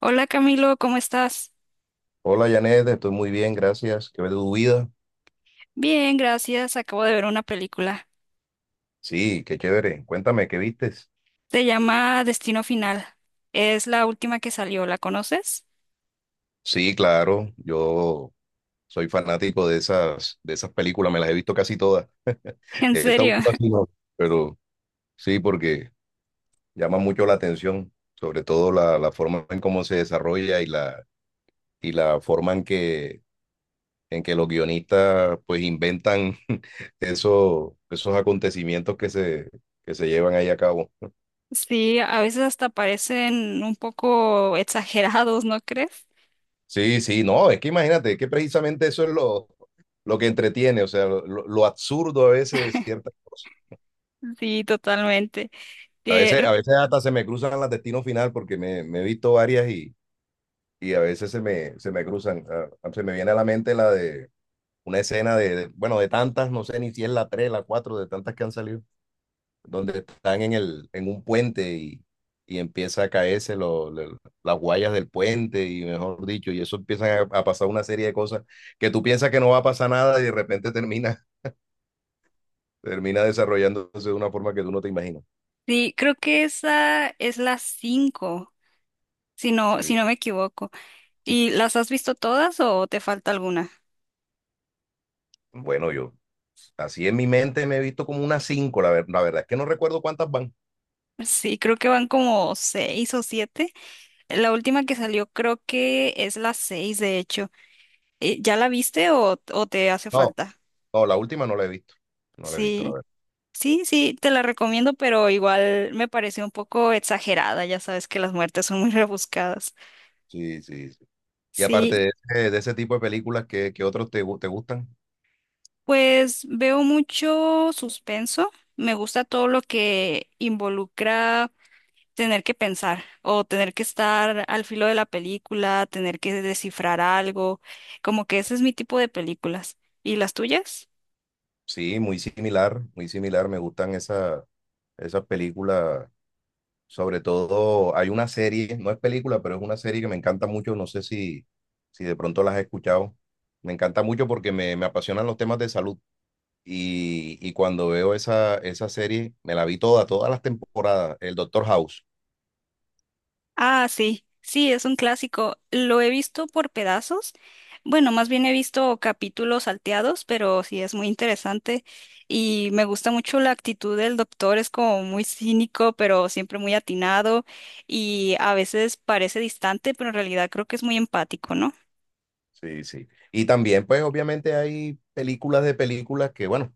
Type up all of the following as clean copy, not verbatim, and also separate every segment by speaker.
Speaker 1: Hola Camilo, ¿cómo estás?
Speaker 2: Hola Janet, estoy muy bien, gracias. ¿Qué ves de tu vida?
Speaker 1: Bien, gracias. Acabo de ver una película.
Speaker 2: Sí, qué chévere. Cuéntame, ¿qué vistes?
Speaker 1: Se llama Destino Final. Es la última que salió, ¿la conoces?
Speaker 2: Sí, claro, yo soy fanático de esas películas, me las he visto casi todas.
Speaker 1: En
Speaker 2: Esta
Speaker 1: serio.
Speaker 2: última sí no, pero sí, porque llama mucho la atención, sobre todo la forma en cómo se desarrolla y la forma en que los guionistas pues inventan eso, esos acontecimientos que se llevan ahí a cabo.
Speaker 1: Sí, a veces hasta parecen un poco exagerados, ¿no crees?
Speaker 2: Sí, sí, no, es que imagínate que precisamente eso es lo que entretiene, o sea, lo absurdo a veces de ciertas cosas.
Speaker 1: Sí, totalmente. Eh,
Speaker 2: A
Speaker 1: r-
Speaker 2: veces hasta se me cruzan las destino final porque me he visto varias y a veces se me cruzan. Ah, ah, se me viene a la mente la de una escena bueno, de tantas, no sé ni si es la 3, la 4, de tantas que han salido. Donde están en el, en un puente y empieza a caerse las guayas del puente y mejor dicho, y eso empiezan a pasar una serie de cosas que tú piensas que no va a pasar nada y de repente termina, termina desarrollándose de una forma que tú no te imaginas.
Speaker 1: sí, creo que esa es la cinco, si no,
Speaker 2: Sí.
Speaker 1: si no me equivoco. ¿Y las has visto todas o te falta alguna?
Speaker 2: Bueno, yo así en mi mente me he visto como unas cinco, la verdad es que no recuerdo cuántas van.
Speaker 1: Sí, creo que van como seis o siete. La última que salió creo que es la 6 de hecho. ¿Ya la viste o te hace
Speaker 2: No,
Speaker 1: falta?
Speaker 2: no, la última no la he visto. No la he visto, la
Speaker 1: Sí,
Speaker 2: verdad.
Speaker 1: sí, sí, te la recomiendo, pero igual me pareció un poco exagerada, ya sabes que las muertes son muy rebuscadas.
Speaker 2: Sí, sí, sí. Y aparte
Speaker 1: Sí,
Speaker 2: de ese tipo de películas, ¿qué, qué otros te gustan?
Speaker 1: pues veo mucho suspenso, me gusta todo lo que involucra tener que pensar o tener que estar al filo de la película, tener que descifrar algo, como que ese es mi tipo de películas. ¿Y las tuyas?
Speaker 2: Sí, muy similar, muy similar. Me gustan esas películas. Sobre todo, hay una serie, no es película, pero es una serie que me encanta mucho. No sé si, si de pronto las has escuchado. Me encanta mucho porque me apasionan los temas de salud. Y cuando veo esa, esa serie, me la vi toda, todas las temporadas, el Doctor House.
Speaker 1: Ah, sí, sí, es un clásico. Lo he visto por pedazos. Bueno, más bien he visto capítulos salteados, pero sí es muy interesante y me gusta mucho la actitud del doctor. Es como muy cínico, pero siempre muy atinado y a veces parece distante, pero en realidad creo que es muy empático, ¿no?
Speaker 2: Sí, sí. Y también, pues, obviamente hay películas de películas que, bueno,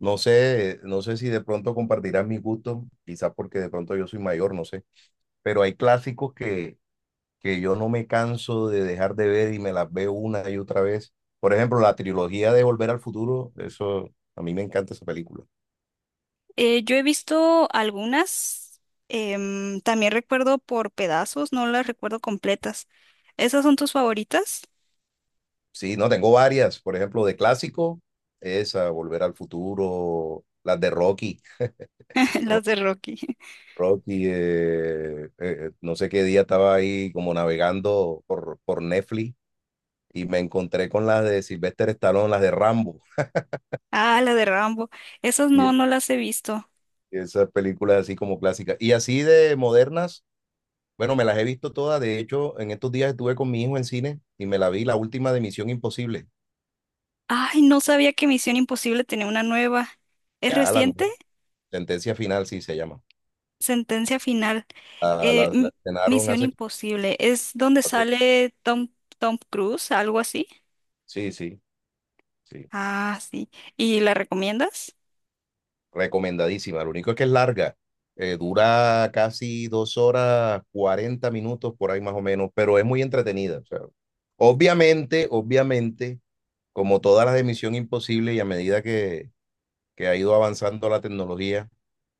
Speaker 2: no sé, no sé si de pronto compartirás mi gusto, quizás porque de pronto yo soy mayor, no sé. Pero hay clásicos que yo no me canso de dejar de ver y me las veo una y otra vez. Por ejemplo, la trilogía de Volver al Futuro, eso, a mí me encanta esa película.
Speaker 1: Yo he visto algunas, también recuerdo por pedazos, no las recuerdo completas. ¿Esas son tus favoritas?
Speaker 2: Sí, no, tengo varias, por ejemplo, de clásico, esa, Volver al Futuro, las de Rocky. Ro-
Speaker 1: Las de Rocky.
Speaker 2: Rocky, no sé qué día estaba ahí como navegando por Netflix y me encontré con las de Sylvester Stallone, las de Rambo.
Speaker 1: Ah, la de Rambo. Esas
Speaker 2: Y
Speaker 1: no, no las he visto.
Speaker 2: esas películas así como clásicas. Y así de modernas, bueno, me las he visto todas. De hecho, en estos días estuve con mi hijo en cine y me la vi la última de Misión Imposible.
Speaker 1: Ay, no sabía que Misión Imposible tenía una nueva. ¿Es
Speaker 2: Ya la
Speaker 1: reciente?
Speaker 2: nueva sentencia final, sí se llama.
Speaker 1: Sentencia final.
Speaker 2: La,
Speaker 1: Eh,
Speaker 2: la, la
Speaker 1: M-
Speaker 2: estrenaron
Speaker 1: Misión
Speaker 2: hace
Speaker 1: Imposible. ¿Es donde
Speaker 2: 4.
Speaker 1: sale Tom Cruise? Algo así.
Speaker 2: Sí, sí, sí.
Speaker 1: Ah, sí. ¿Y la recomiendas?
Speaker 2: Recomendadísima. Lo único es que es larga. Dura casi dos horas, 40 minutos por ahí más o menos, pero es muy entretenida. O sea, obviamente, obviamente, como todas las de Misión Imposible y a medida que ha ido avanzando la tecnología.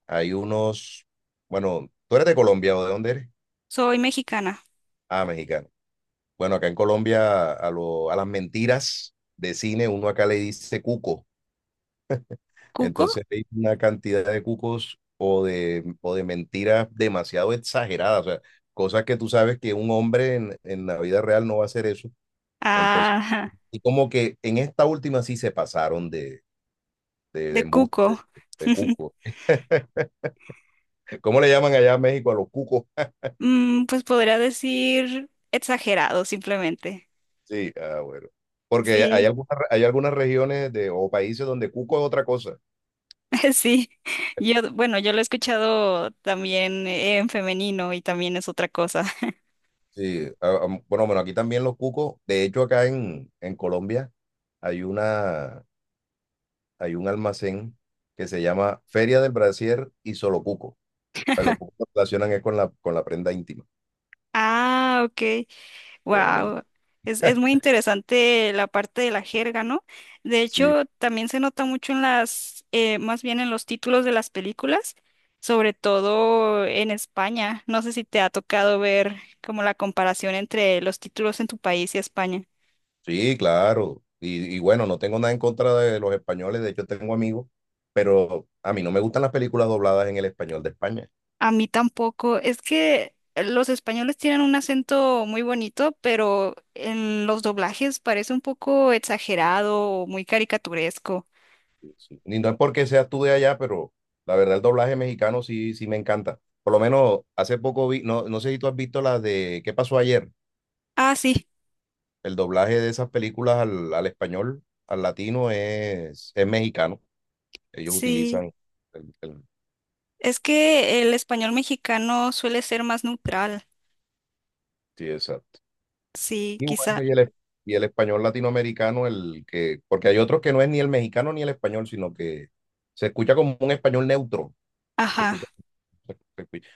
Speaker 2: Hay unos, bueno, ¿tú eres de Colombia o de dónde eres?
Speaker 1: Soy mexicana.
Speaker 2: Ah, mexicano. Bueno, acá en Colombia a, a las mentiras de cine uno acá le dice cuco.
Speaker 1: ¿Cuco?
Speaker 2: Entonces hay una cantidad de cucos o de mentiras demasiado exageradas, o sea, cosas que tú sabes que un hombre en la vida real no va a hacer eso. Entonces,
Speaker 1: Ah,
Speaker 2: y como que en esta última sí se pasaron de
Speaker 1: de
Speaker 2: embuste,
Speaker 1: Cuco.
Speaker 2: de cuco. ¿Cómo le llaman allá en México a los cucos?
Speaker 1: Pues podría decir exagerado, simplemente.
Speaker 2: Sí, ah, bueno. Porque
Speaker 1: Sí.
Speaker 2: hay algunas regiones de, o países donde cuco es otra cosa.
Speaker 1: Sí, yo, bueno, yo lo he escuchado también en femenino y también es otra cosa.
Speaker 2: Sí, ah, ah, bueno, bueno, aquí también los cucos. De hecho, acá en Colombia hay una, hay un almacén que se llama Feria del Brasier y Solo Cuco. Pues los cucos lo relacionan es con la prenda íntima.
Speaker 1: Ah, ok, wow. Es muy interesante la parte de la jerga, ¿no? De
Speaker 2: Sí,
Speaker 1: hecho, también se nota mucho más bien en los títulos de las películas, sobre todo en España. No sé si te ha tocado ver como la comparación entre los títulos en tu país y España.
Speaker 2: sí, claro. Y bueno, no tengo nada en contra de los españoles. De hecho, tengo amigos, pero a mí no me gustan las películas dobladas en el español de España.
Speaker 1: A mí tampoco. Es que los españoles tienen un acento muy bonito, pero en los doblajes parece un poco exagerado o muy caricaturesco.
Speaker 2: Sí. Y no es porque seas tú de allá, pero la verdad el doblaje mexicano sí, sí me encanta. Por lo menos hace poco vi, no, no sé si tú has visto las de ¿Qué pasó ayer?
Speaker 1: Ah, sí,
Speaker 2: El doblaje de esas películas al, al español, al latino, es mexicano. Ellos
Speaker 1: sí.
Speaker 2: utilizan el, el-
Speaker 1: Es que el español mexicano suele ser más neutral.
Speaker 2: sí, exacto.
Speaker 1: Sí,
Speaker 2: Y
Speaker 1: quizá.
Speaker 2: bueno, y y el español latinoamericano, el que, porque hay otros que no es ni el mexicano ni el español, sino que se escucha como un español neutro. Se escucha.
Speaker 1: Ajá,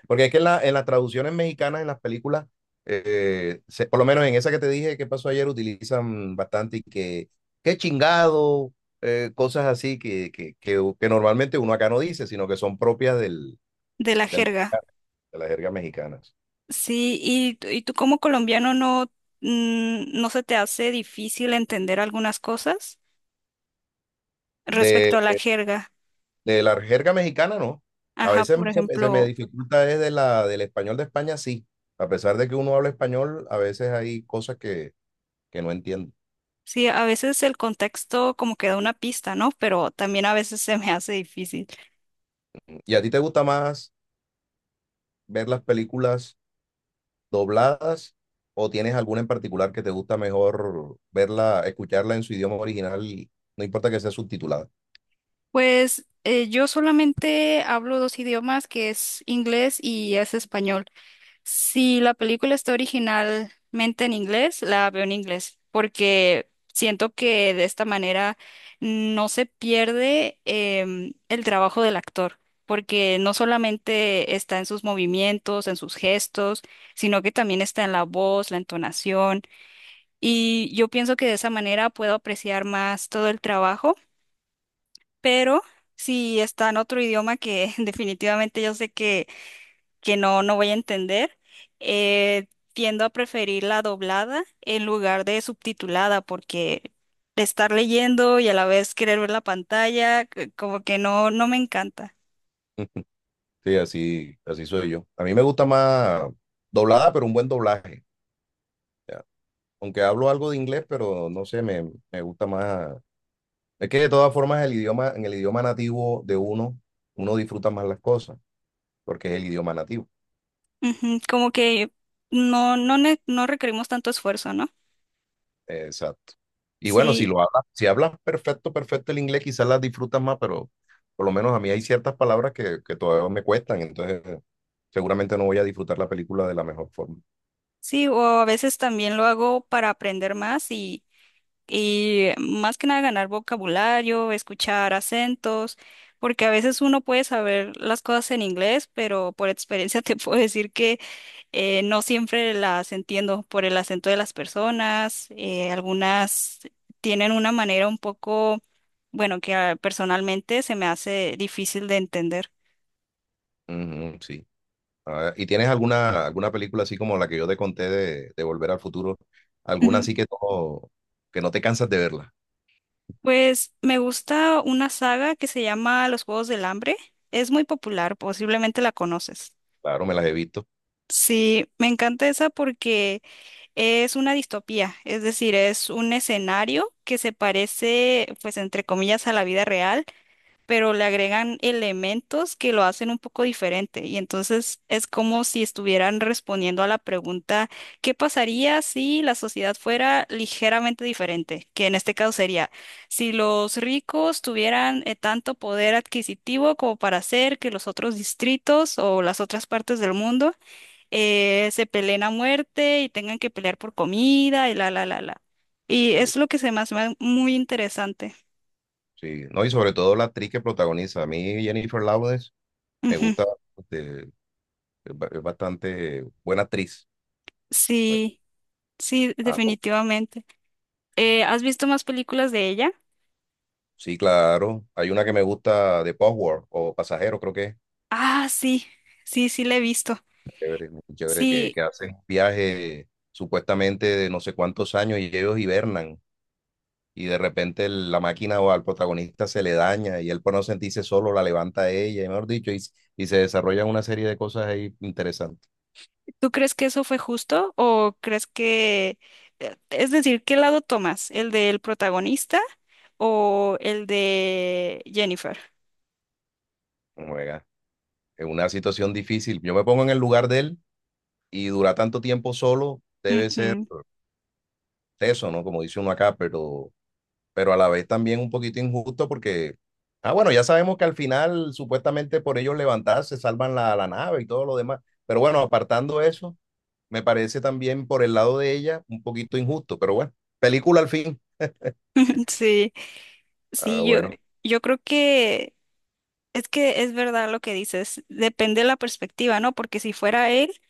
Speaker 2: Porque es que en, la, en las traducciones mexicanas, en las películas, por lo menos en esa que te dije que pasó ayer, utilizan bastante y que, qué chingado, cosas así que normalmente uno acá no dice, sino que son propias del,
Speaker 1: de la
Speaker 2: del
Speaker 1: jerga.
Speaker 2: mexicano, de las jergas mexicanas.
Speaker 1: Sí, y tú como colombiano no, no se te hace difícil entender algunas cosas
Speaker 2: De,
Speaker 1: respecto a la jerga.
Speaker 2: de la jerga mexicana, no. A
Speaker 1: Ajá,
Speaker 2: veces
Speaker 1: por
Speaker 2: se me
Speaker 1: ejemplo.
Speaker 2: dificulta es de la, del español de España, sí. A pesar de que uno habla español, a veces hay cosas que no entiendo.
Speaker 1: Sí, a veces el contexto como que da una pista, ¿no? Pero también a veces se me hace difícil.
Speaker 2: ¿Y a ti te gusta más ver las películas dobladas o tienes alguna en particular que te gusta mejor verla, escucharla en su idioma original y no importa que sea subtitulada?
Speaker 1: Pues yo solamente hablo dos idiomas, que es inglés y es español. Si la película está originalmente en inglés, la veo en inglés, porque siento que de esta manera no se pierde el trabajo del actor. Porque no solamente está en sus movimientos, en sus gestos, sino que también está en la voz, la entonación. Y yo pienso que de esa manera puedo apreciar más todo el trabajo, pero si está en otro idioma que definitivamente yo sé que no, no voy a entender, eh, tiendo a preferir la doblada en lugar de subtitulada, porque de estar leyendo y a la vez querer ver la pantalla, como que no, no me encanta.
Speaker 2: Sí, así, así soy yo. A mí me gusta más doblada, pero un buen doblaje. Ya. Aunque hablo algo de inglés, pero no sé, me gusta más. Es que de todas formas el idioma, en el idioma nativo de uno, uno disfruta más las cosas, porque es el idioma nativo.
Speaker 1: Ujú, como que no requerimos tanto esfuerzo, ¿no?
Speaker 2: Exacto. Y bueno, si
Speaker 1: Sí,
Speaker 2: lo hablas, si hablas perfecto, perfecto el inglés, quizás las disfrutas más, pero por lo menos a mí hay ciertas palabras que todavía me cuestan, entonces seguramente no voy a disfrutar la película de la mejor forma.
Speaker 1: sí, o a veces también lo hago para aprender más y más que nada ganar vocabulario, escuchar acentos, porque a veces uno puede saber las cosas en inglés, pero por experiencia te puedo decir que no siempre las entiendo por el acento de las personas. Algunas tienen una manera un poco, bueno, que personalmente se me hace difícil de entender.
Speaker 2: Ujú, sí. A ver, ¿y tienes alguna, alguna película así como la que yo te conté de Volver al Futuro? ¿Alguna
Speaker 1: Ujú.
Speaker 2: así que no te cansas de verla?
Speaker 1: Pues me gusta una saga que se llama Los Juegos del Hambre. Es muy popular, posiblemente la conoces.
Speaker 2: Claro, me las he visto.
Speaker 1: Sí, me encanta esa porque es una distopía, es decir, es un escenario que se parece, pues, entre comillas, a la vida real, pero le agregan elementos que lo hacen un poco diferente. Y entonces es como si estuvieran respondiendo a la pregunta, ¿qué pasaría si la sociedad fuera ligeramente diferente? Que en este caso sería, si los ricos tuvieran tanto poder adquisitivo como para hacer que los otros distritos o las otras partes del mundo se peleen a muerte y tengan que pelear por comida y la. Y
Speaker 2: Sí,
Speaker 1: es lo que se me hace muy interesante.
Speaker 2: sí. No, y sobre todo la actriz que protagoniza. A mí Jennifer Lawrence me
Speaker 1: Ujú.
Speaker 2: gusta, este, es bastante buena actriz. Bueno,
Speaker 1: Sí, sí,
Speaker 2: ah,
Speaker 1: definitivamente. ¿Has visto más películas de ella?
Speaker 2: sí, claro. Hay una que me gusta de Postworld o Pasajero, creo que es.
Speaker 1: Ah, sí, sí, sí, la he visto.
Speaker 2: Chévere, muy chévere,
Speaker 1: Sí,
Speaker 2: que hacen viaje supuestamente de no sé cuántos años y ellos hibernan. Y de repente la máquina o al protagonista se le daña y él por no sentirse solo la levanta a ella, y mejor dicho, y se desarrollan una serie de cosas ahí interesantes.
Speaker 1: ¿tú crees que eso fue justo o crees que, es decir, ¿qué lado tomas? ¿El del protagonista o el de Jennifer?
Speaker 2: Juega. Es una situación difícil. Yo me pongo en el lugar de él y durar tanto tiempo solo debe ser
Speaker 1: Ujú.
Speaker 2: teso, ¿no? Como dice uno acá, pero a la vez también un poquito injusto porque, ah, bueno, ya sabemos que al final supuestamente por ellos levantarse salvan la, la nave y todo lo demás, pero bueno, apartando eso, me parece también por el lado de ella un poquito injusto, pero bueno, película al fin.
Speaker 1: Sí,
Speaker 2: Ah,
Speaker 1: sí, yo,
Speaker 2: bueno,
Speaker 1: yo creo que es que es verdad lo que dices, depende de la perspectiva, ¿no? Porque si fuera él,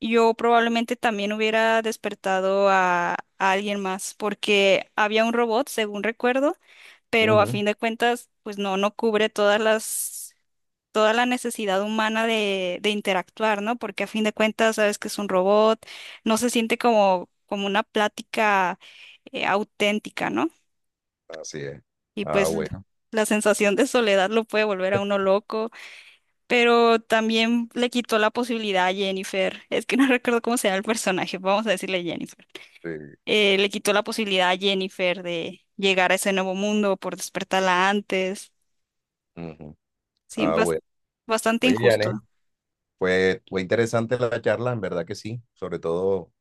Speaker 1: yo probablemente también hubiera despertado a alguien más, porque había un robot, según recuerdo, pero a
Speaker 2: ujú,
Speaker 1: fin de cuentas, pues no, no cubre toda la necesidad humana de interactuar, ¿no? Porque a fin de cuentas, sabes que es un robot, no se siente como una plática auténtica, ¿no?
Speaker 2: así es.
Speaker 1: Y
Speaker 2: Ah,
Speaker 1: pues
Speaker 2: bueno,
Speaker 1: la sensación de soledad lo puede volver a uno loco. Pero también le quitó la posibilidad a Jennifer. Es que no recuerdo cómo se llama el personaje, vamos a decirle Jennifer.
Speaker 2: sí,
Speaker 1: Le quitó la posibilidad a Jennifer de llegar a ese nuevo mundo por despertarla antes.
Speaker 2: ujú,
Speaker 1: Sí,
Speaker 2: ah, bueno.
Speaker 1: bastante
Speaker 2: Oye, Janet,
Speaker 1: injusto.
Speaker 2: fue, fue interesante la charla, en verdad que sí, sobre todo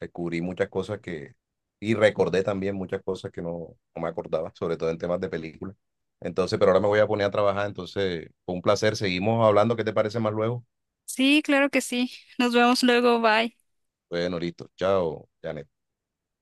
Speaker 2: descubrí muchas cosas que, y recordé también muchas cosas que no, no me acordaba, sobre todo en temas de películas. Entonces, pero ahora me voy a poner a trabajar, entonces fue un placer, seguimos hablando, ¿qué te parece más luego?
Speaker 1: Sí, claro que sí. Nos vemos luego, bye.
Speaker 2: Bueno, listo, chao, Janet.